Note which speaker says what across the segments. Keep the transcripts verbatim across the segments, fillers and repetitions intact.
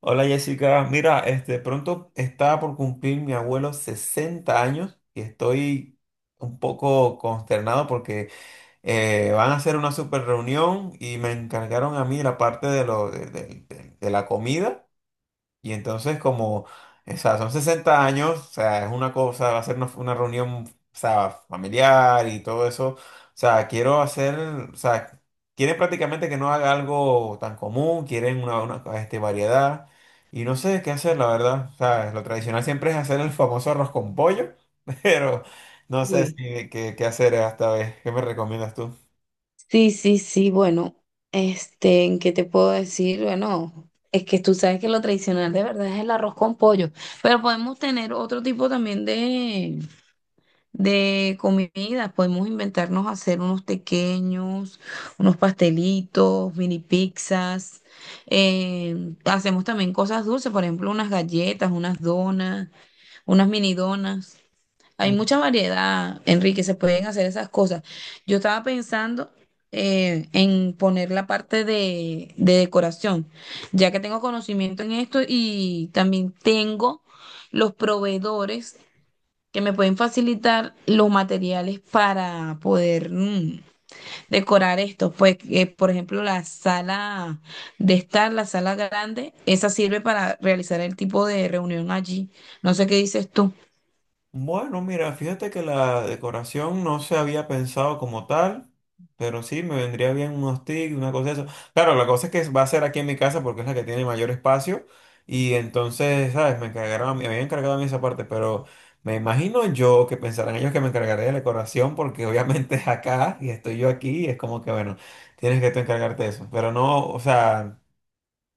Speaker 1: Hola, Jessica, mira, este, pronto está por cumplir mi abuelo sesenta años y estoy un poco consternado porque eh, van a hacer una super reunión y me encargaron a mí la parte de, lo, de, de- de- de la comida y entonces como, o sea, son sesenta años, o sea, es una cosa, va a ser una, una reunión, o sea, familiar y todo eso. O sea, quiero hacer, o sea, quieren prácticamente que no haga algo tan común, quieren una, una, este, variedad. Y no sé qué hacer, la verdad. O sea, lo tradicional siempre es hacer el famoso arroz con pollo, pero no sé
Speaker 2: Uy,
Speaker 1: si, qué, qué hacer esta vez. ¿Qué me recomiendas tú?
Speaker 2: sí, sí, sí, bueno, este, ¿en ¿qué te puedo decir? Bueno, es que tú sabes que lo tradicional de verdad es el arroz con pollo, pero podemos tener otro tipo también de, de comida, podemos inventarnos hacer unos pequeños, unos pastelitos, mini pizzas, eh, hacemos también cosas dulces, por ejemplo, unas galletas, unas donas, unas mini donas. Hay mucha variedad, Enrique, se pueden hacer esas cosas. Yo estaba pensando eh, en poner la parte de, de decoración, ya que tengo conocimiento en esto y también tengo los proveedores que me pueden facilitar los materiales para poder mm, decorar esto. Pues, eh, por ejemplo, la sala de estar, la sala grande, esa sirve para realizar el tipo de reunión allí. No sé qué dices tú.
Speaker 1: Bueno, mira, fíjate que la decoración no se había pensado como tal, pero sí me vendría bien unos tics, una cosa de eso. Claro, la cosa es que va a ser aquí en mi casa porque es la que tiene mayor espacio y entonces, ¿sabes? Me encargaron, a mí- me habían encargado a mí esa parte, pero me imagino yo que pensarán ellos que me encargaré de la decoración porque obviamente es acá y estoy yo aquí y es como que, bueno, tienes que tú encargarte de eso. Pero no, o sea...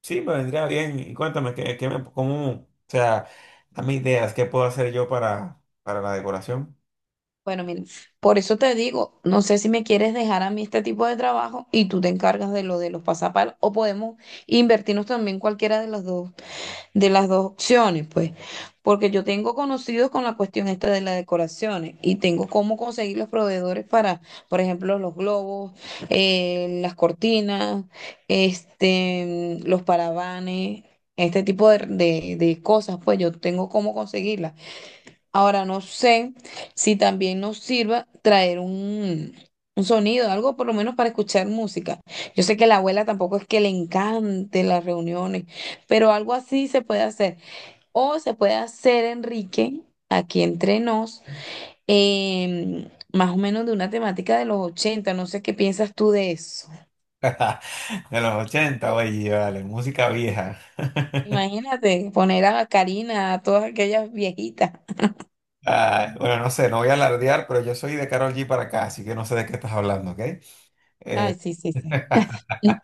Speaker 1: Sí, me vendría bien. Y cuéntame, ¿qué, qué me, cómo, o sea, dame ideas, ¿qué puedo hacer yo para, para la decoración?
Speaker 2: Bueno, mira, por eso te digo, no sé si me quieres dejar a mí este tipo de trabajo y tú te encargas de lo de los pasapalos, o podemos invertirnos también cualquiera de las dos, de las dos opciones, pues, porque yo tengo conocidos con la cuestión esta de las decoraciones y tengo cómo conseguir los proveedores para, por ejemplo, los globos, eh, las cortinas, este, los paravanes. Este tipo de, de de cosas, pues yo tengo cómo conseguirlas. Ahora no sé si también nos sirva traer un, un sonido, algo por lo menos para escuchar música. Yo sé que la abuela tampoco es que le encante las reuniones, pero algo así se puede hacer. O se puede hacer, Enrique, aquí entre nos, em, más o menos de una temática de los ochenta. No sé qué piensas tú de eso.
Speaker 1: De los ochenta, oye, vale, música vieja.
Speaker 2: Imagínate poner a Karina, a todas aquellas viejitas.
Speaker 1: Ah, bueno, no sé, no voy a alardear, pero yo soy de Karol G para acá, así que no sé de qué estás hablando, ¿ok?
Speaker 2: Ay, sí, sí, sí.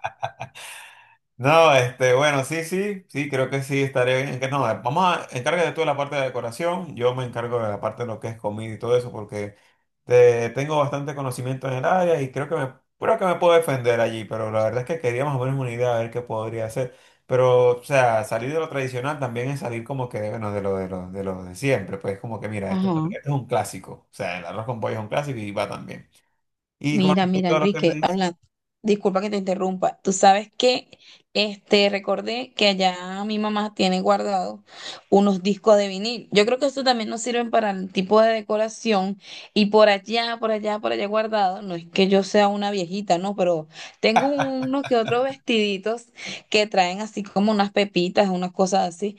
Speaker 1: No, este, bueno, sí, sí, sí, creo que sí estaré bien. Que no, eh, vamos a encárgate tú de la parte de decoración, yo me encargo de la parte de lo que es comida y todo eso, porque te- tengo bastante conocimiento en el área y creo que me, creo que me puedo defender allí, pero la verdad es que quería más o menos una idea de ver qué podría hacer. Pero, o sea, salir de lo tradicional también es salir como que, bueno, de lo de lo, de lo de siempre, pues como que mira, esto, esto
Speaker 2: Ajá.
Speaker 1: es un clásico, o sea, el arroz con pollo es un clásico y va también. Y con
Speaker 2: Mira, mira,
Speaker 1: respecto a lo que me
Speaker 2: Enrique,
Speaker 1: dices.
Speaker 2: habla, disculpa que te interrumpa. Tú sabes que este recordé que allá mi mamá tiene guardados unos discos de vinil. Yo creo que eso también nos sirven para el tipo de decoración y por allá, por allá, por allá guardado. No es que yo sea una viejita, no, pero tengo unos que otros vestiditos que traen así como unas pepitas, unas cosas así.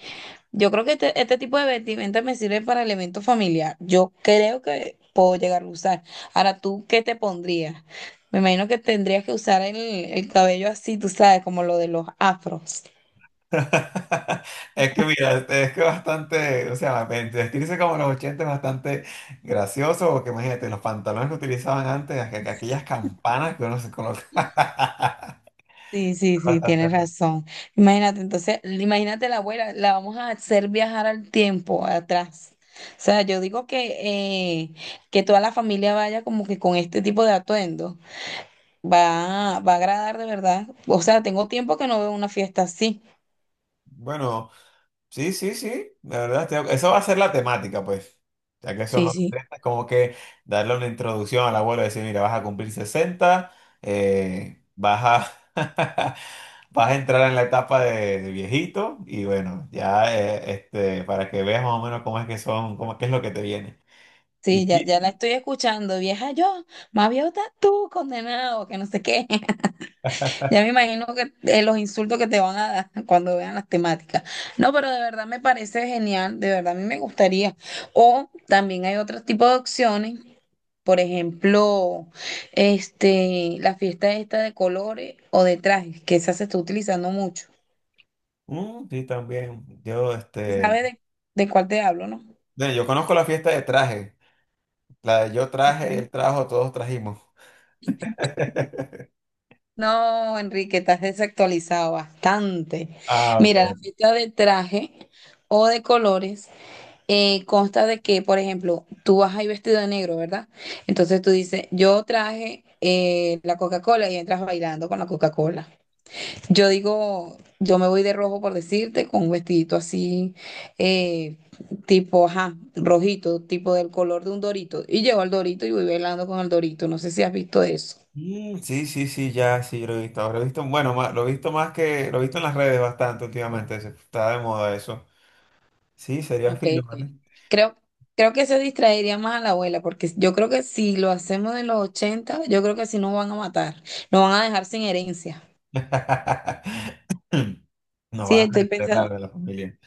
Speaker 2: Yo creo que este, este tipo de vestimenta me sirve para el evento familiar. Yo creo que puedo llegar a usar. Ahora, ¿tú qué te pondrías? Me imagino que tendrías que usar el, el cabello así, tú sabes, como lo de los afros.
Speaker 1: Es que mira, es que bastante, o sea, vestirse como los ochenta es bastante gracioso, porque imagínate, los pantalones que utilizaban antes, aqu- aqu- aquellas campanas que uno se colocaba.
Speaker 2: Sí, sí, sí, tienes
Speaker 1: Bastante.
Speaker 2: razón. Imagínate, entonces, imagínate la abuela, la vamos a hacer viajar al tiempo, atrás. O sea, yo digo que, eh, que toda la familia vaya como que con este tipo de atuendo. Va, va a agradar de verdad. O sea, tengo tiempo que no veo una fiesta así.
Speaker 1: Bueno. Sí, sí, sí, la verdad, estoy, eso va a ser la temática, pues, ya que son
Speaker 2: Sí,
Speaker 1: los
Speaker 2: sí.
Speaker 1: sesenta, es como que darle una introducción al abuelo, y decir, mira, vas a cumplir sesenta, eh, vas a, vas a entrar en la etapa de, de viejito y bueno, ya, eh, este, para que veas más o menos cómo es que son, cómo, qué es lo que te viene. Y
Speaker 2: Sí, ya,
Speaker 1: sí,
Speaker 2: ya
Speaker 1: sí,
Speaker 2: la estoy escuchando, vieja yo, más viejo estás tú, condenado, que no sé qué. Ya me imagino que eh, los insultos que te van a dar cuando vean las temáticas. No, pero de verdad me parece genial, de verdad a mí me gustaría. O también hay otro tipo de opciones, por ejemplo, este, la fiesta esta de colores o de trajes, que esa se está utilizando mucho.
Speaker 1: mm, sí, también, yo,
Speaker 2: ¿Y
Speaker 1: este,
Speaker 2: sabes de, de cuál te hablo, no?
Speaker 1: bueno, yo conozco la fiesta de traje, la de yo traje,
Speaker 2: Ok.
Speaker 1: él trajo, todos trajimos.
Speaker 2: No, Enrique, estás desactualizado bastante.
Speaker 1: Ah, ok.
Speaker 2: Mira, la fiesta de traje o de colores eh, consta de que, por ejemplo, tú vas ahí vestido de negro, ¿verdad? Entonces tú dices, yo traje eh, la Coca-Cola y entras bailando con la Coca-Cola. Yo digo, yo me voy de rojo por decirte, con un vestidito así, eh, tipo, ajá, rojito, tipo del color de un dorito. Y llevo el dorito y voy bailando con el dorito. No sé si has visto eso.
Speaker 1: Mm, sí, sí, sí, ya, sí, lo he visto. Lo he visto, bueno, ma- lo he visto más que, lo he visto en las redes bastante últimamente. se- Está de moda eso. Sí, sería
Speaker 2: Ok,
Speaker 1: fino, ¿vale?
Speaker 2: ok. Creo, creo que eso distraería más a la abuela, porque yo creo que si lo hacemos en los ochenta, yo creo que si nos van a matar, nos van a dejar sin herencia.
Speaker 1: Nos
Speaker 2: Sí,
Speaker 1: van a
Speaker 2: estoy
Speaker 1: enterrar
Speaker 2: pensando,
Speaker 1: de la familia.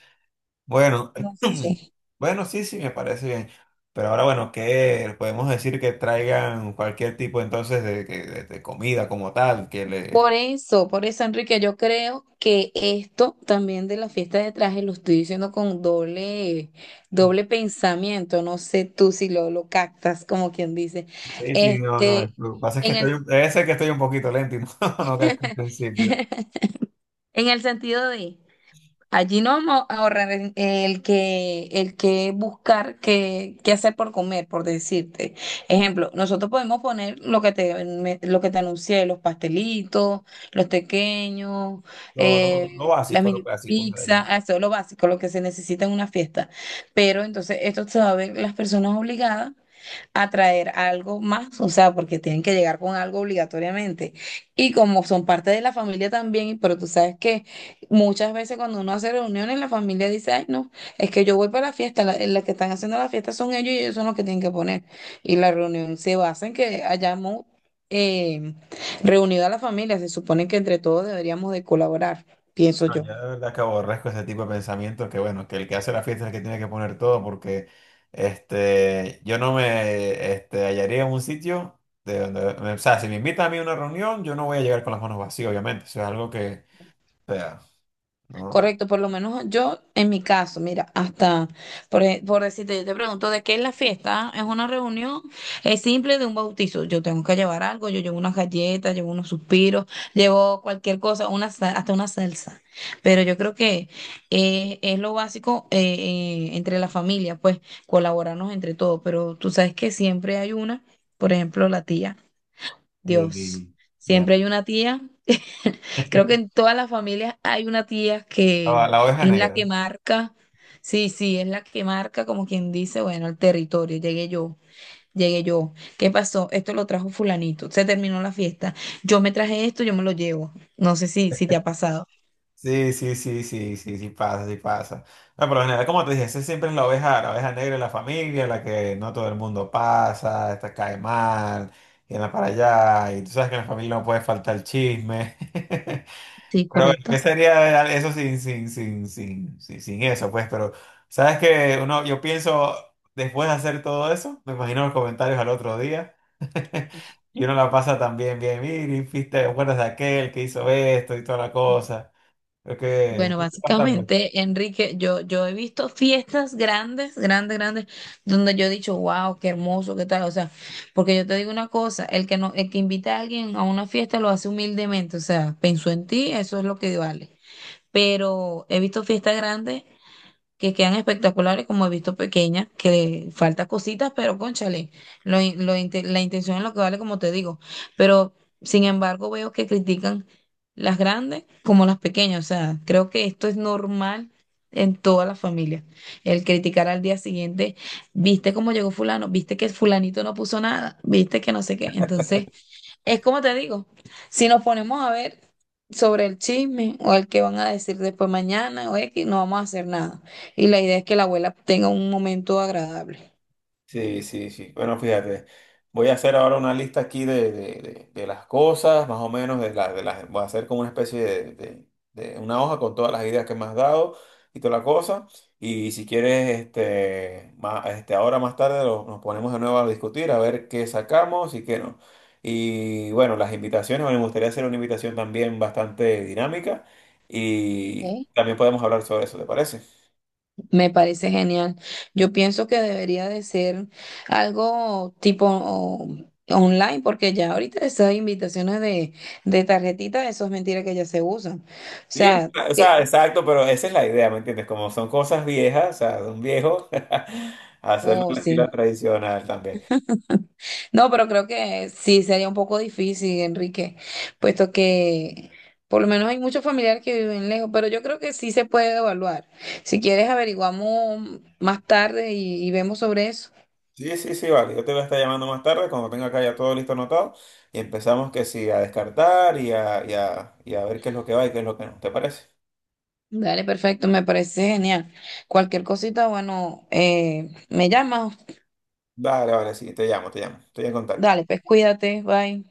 Speaker 1: Bueno,
Speaker 2: no sé.
Speaker 1: bueno, sí, sí, me parece bien. Pero ahora, bueno, que podemos decir que traigan cualquier tipo entonces de, que- de- de comida como tal, que
Speaker 2: Por
Speaker 1: le...
Speaker 2: eso, por eso, Enrique, yo creo que esto también de la fiesta de traje lo estoy diciendo con doble,
Speaker 1: Sí,
Speaker 2: doble pensamiento. No sé tú si lo, lo captas, como quien dice.
Speaker 1: sí, sí, no, no,
Speaker 2: Este,
Speaker 1: lo que pasa es que
Speaker 2: en el,
Speaker 1: estoy, un- debe ser que estoy un poquito lento y no, no, que al principio.
Speaker 2: en el sentido de. Allí no vamos a ahorrar el el que, el que buscar qué, qué hacer por comer, por decirte. Ejemplo, nosotros podemos poner lo que te, me- lo que te anuncié, los pastelitos, los pequeños,
Speaker 1: Lo, lo, lo
Speaker 2: eh, las
Speaker 1: básico, lo
Speaker 2: mini
Speaker 1: clásico.
Speaker 2: pizzas, ah, eso es lo básico, lo que se necesita en una fiesta. Pero entonces esto se va a ver las personas obligadas a traer algo más, o sea, porque tienen que llegar con algo obligatoriamente. Y como son parte de la familia también, pero tú sabes que muchas veces cuando uno hace reuniones, la familia dice, ay, no, es que yo voy para la fiesta, la, la que están haciendo la fiesta son ellos y ellos son los que tienen que poner. Y la reunión se basa en que hayamos eh, reunido a la familia, se supone que entre todos deberíamos de colaborar, pienso
Speaker 1: No,
Speaker 2: yo.
Speaker 1: yo de verdad que aborrezco ese tipo de pensamientos, que bueno, que el que hace la fiesta es el que tiene que poner todo porque este, yo no me, este, hallaría en un sitio de donde, o sea, si me invitan a mí a una reunión, yo no voy a llegar con las manos vacías, obviamente, eso es algo que, o sea, no,
Speaker 2: Correcto, por lo menos yo, en mi caso, mira, hasta por, e- por decirte, yo te pregunto de qué es la fiesta, es una reunión, es simple de un bautizo. Yo tengo que llevar algo, yo llevo unas galletas, llevo unos suspiros, llevo cualquier cosa, una, sa- hasta una salsa. Pero yo creo que eh, es lo básico eh, eh, entre la familia, pues colaborarnos entre todos. Pero tú sabes que siempre hay una, por ejemplo, la tía,
Speaker 1: y,
Speaker 2: Dios,
Speaker 1: y- ya.
Speaker 2: siempre hay una tía. Creo que en todas las familias hay una tía
Speaker 1: La,
Speaker 2: que
Speaker 1: la oveja
Speaker 2: es la
Speaker 1: negra.
Speaker 2: que marca, sí, sí, es la que marca como quien dice, bueno, el territorio, llegué yo, llegué yo, ¿qué pasó? Esto lo trajo fulanito, se terminó la fiesta, yo me traje esto, yo me lo llevo. No sé si, si te ha pasado.
Speaker 1: Sí, sí, sí, sí, sí, sí pasa, sí pasa. No, por lo general, como te dije, esa siempre es la oveja, la oveja negra en la familia, la que no todo el mundo pasa, esta cae mal, y anda para allá, y tú sabes que en la familia no puede faltar el chisme.
Speaker 2: Sí,
Speaker 1: Pero bueno, ¿qué
Speaker 2: correcto.
Speaker 1: sería eso sin, sin, sin, sin, sin, sin eso? Pues, pero, ¿sabes? Que uno, yo pienso, después de hacer todo eso, me imagino los comentarios al otro día. Y uno la pasa también bien, mire, ¿te acuerdas de aquel que hizo esto y toda la cosa? Es que
Speaker 2: Bueno,
Speaker 1: es bastante.
Speaker 2: básicamente, Enrique, yo, yo he visto fiestas grandes, grandes, grandes, donde yo he dicho, wow, qué hermoso, qué tal. O sea, porque yo te digo una cosa, el que no, el que invita a alguien a una fiesta lo hace humildemente, o sea, pensó en ti, eso es lo que vale. Pero he visto fiestas grandes que quedan espectaculares, como he visto pequeñas, que falta cositas, pero cónchale, lo, in- lo inte- la intención es lo que vale, como te digo. Pero sin embargo, veo que critican las grandes como las pequeñas. O sea, creo que esto es normal en todas las familias. El criticar al día siguiente, viste cómo llegó fulano, viste que fulanito no puso nada, viste que no sé qué. Entonces. Es como te digo, si nos ponemos a ver sobre el chisme o el que van a decir después mañana o X, no vamos a hacer nada. Y la idea es que la abuela tenga un momento agradable.
Speaker 1: Sí, sí, sí. Bueno, fíjate, voy a hacer ahora una lista aquí de, de- de- de las cosas, más o menos, de las, de las, voy a hacer como una especie de, de- de una hoja con todas las ideas que me has dado y toda la cosa. Y si quieres, este, ma- este, ahora más tarde lo- nos ponemos de nuevo a discutir, a ver qué sacamos y qué no. Y bueno, las invitaciones, bueno, me gustaría hacer una invitación también bastante dinámica y
Speaker 2: ¿Ok?
Speaker 1: también podemos hablar sobre eso, ¿te parece?
Speaker 2: Me parece genial. Yo pienso que debería de ser algo tipo o- online, porque ya ahorita esas invitaciones de, de tarjetita, eso es mentira que ya se usan. O
Speaker 1: Sí, es-
Speaker 2: sea,
Speaker 1: o
Speaker 2: que,
Speaker 1: sea, exacto, pero esa es la idea, ¿me entiendes? Como son cosas viejas, o sea, de un viejo, hacerlo
Speaker 2: oh,
Speaker 1: en estilo
Speaker 2: sí.
Speaker 1: tradicional también.
Speaker 2: No, pero creo que sí sería un poco difícil, Enrique, puesto que por lo menos hay muchos familiares que viven lejos, pero yo creo que sí se puede evaluar. Si quieres, averiguamos más tarde y, y vemos sobre eso.
Speaker 1: Sí, sí, sí, vale. Yo te voy a estar llamando más tarde cuando tenga acá ya todo listo anotado y empezamos que sí, a descartar y a, y a, y a ver qué es lo que va y qué es lo que no. ¿Te parece?
Speaker 2: Dale, perfecto, me parece genial. Cualquier cosita, bueno, eh, me llamas.
Speaker 1: Vale, vale, sí, te llamo, te llamo. Estoy en contacto.
Speaker 2: Dale, pues cuídate, bye.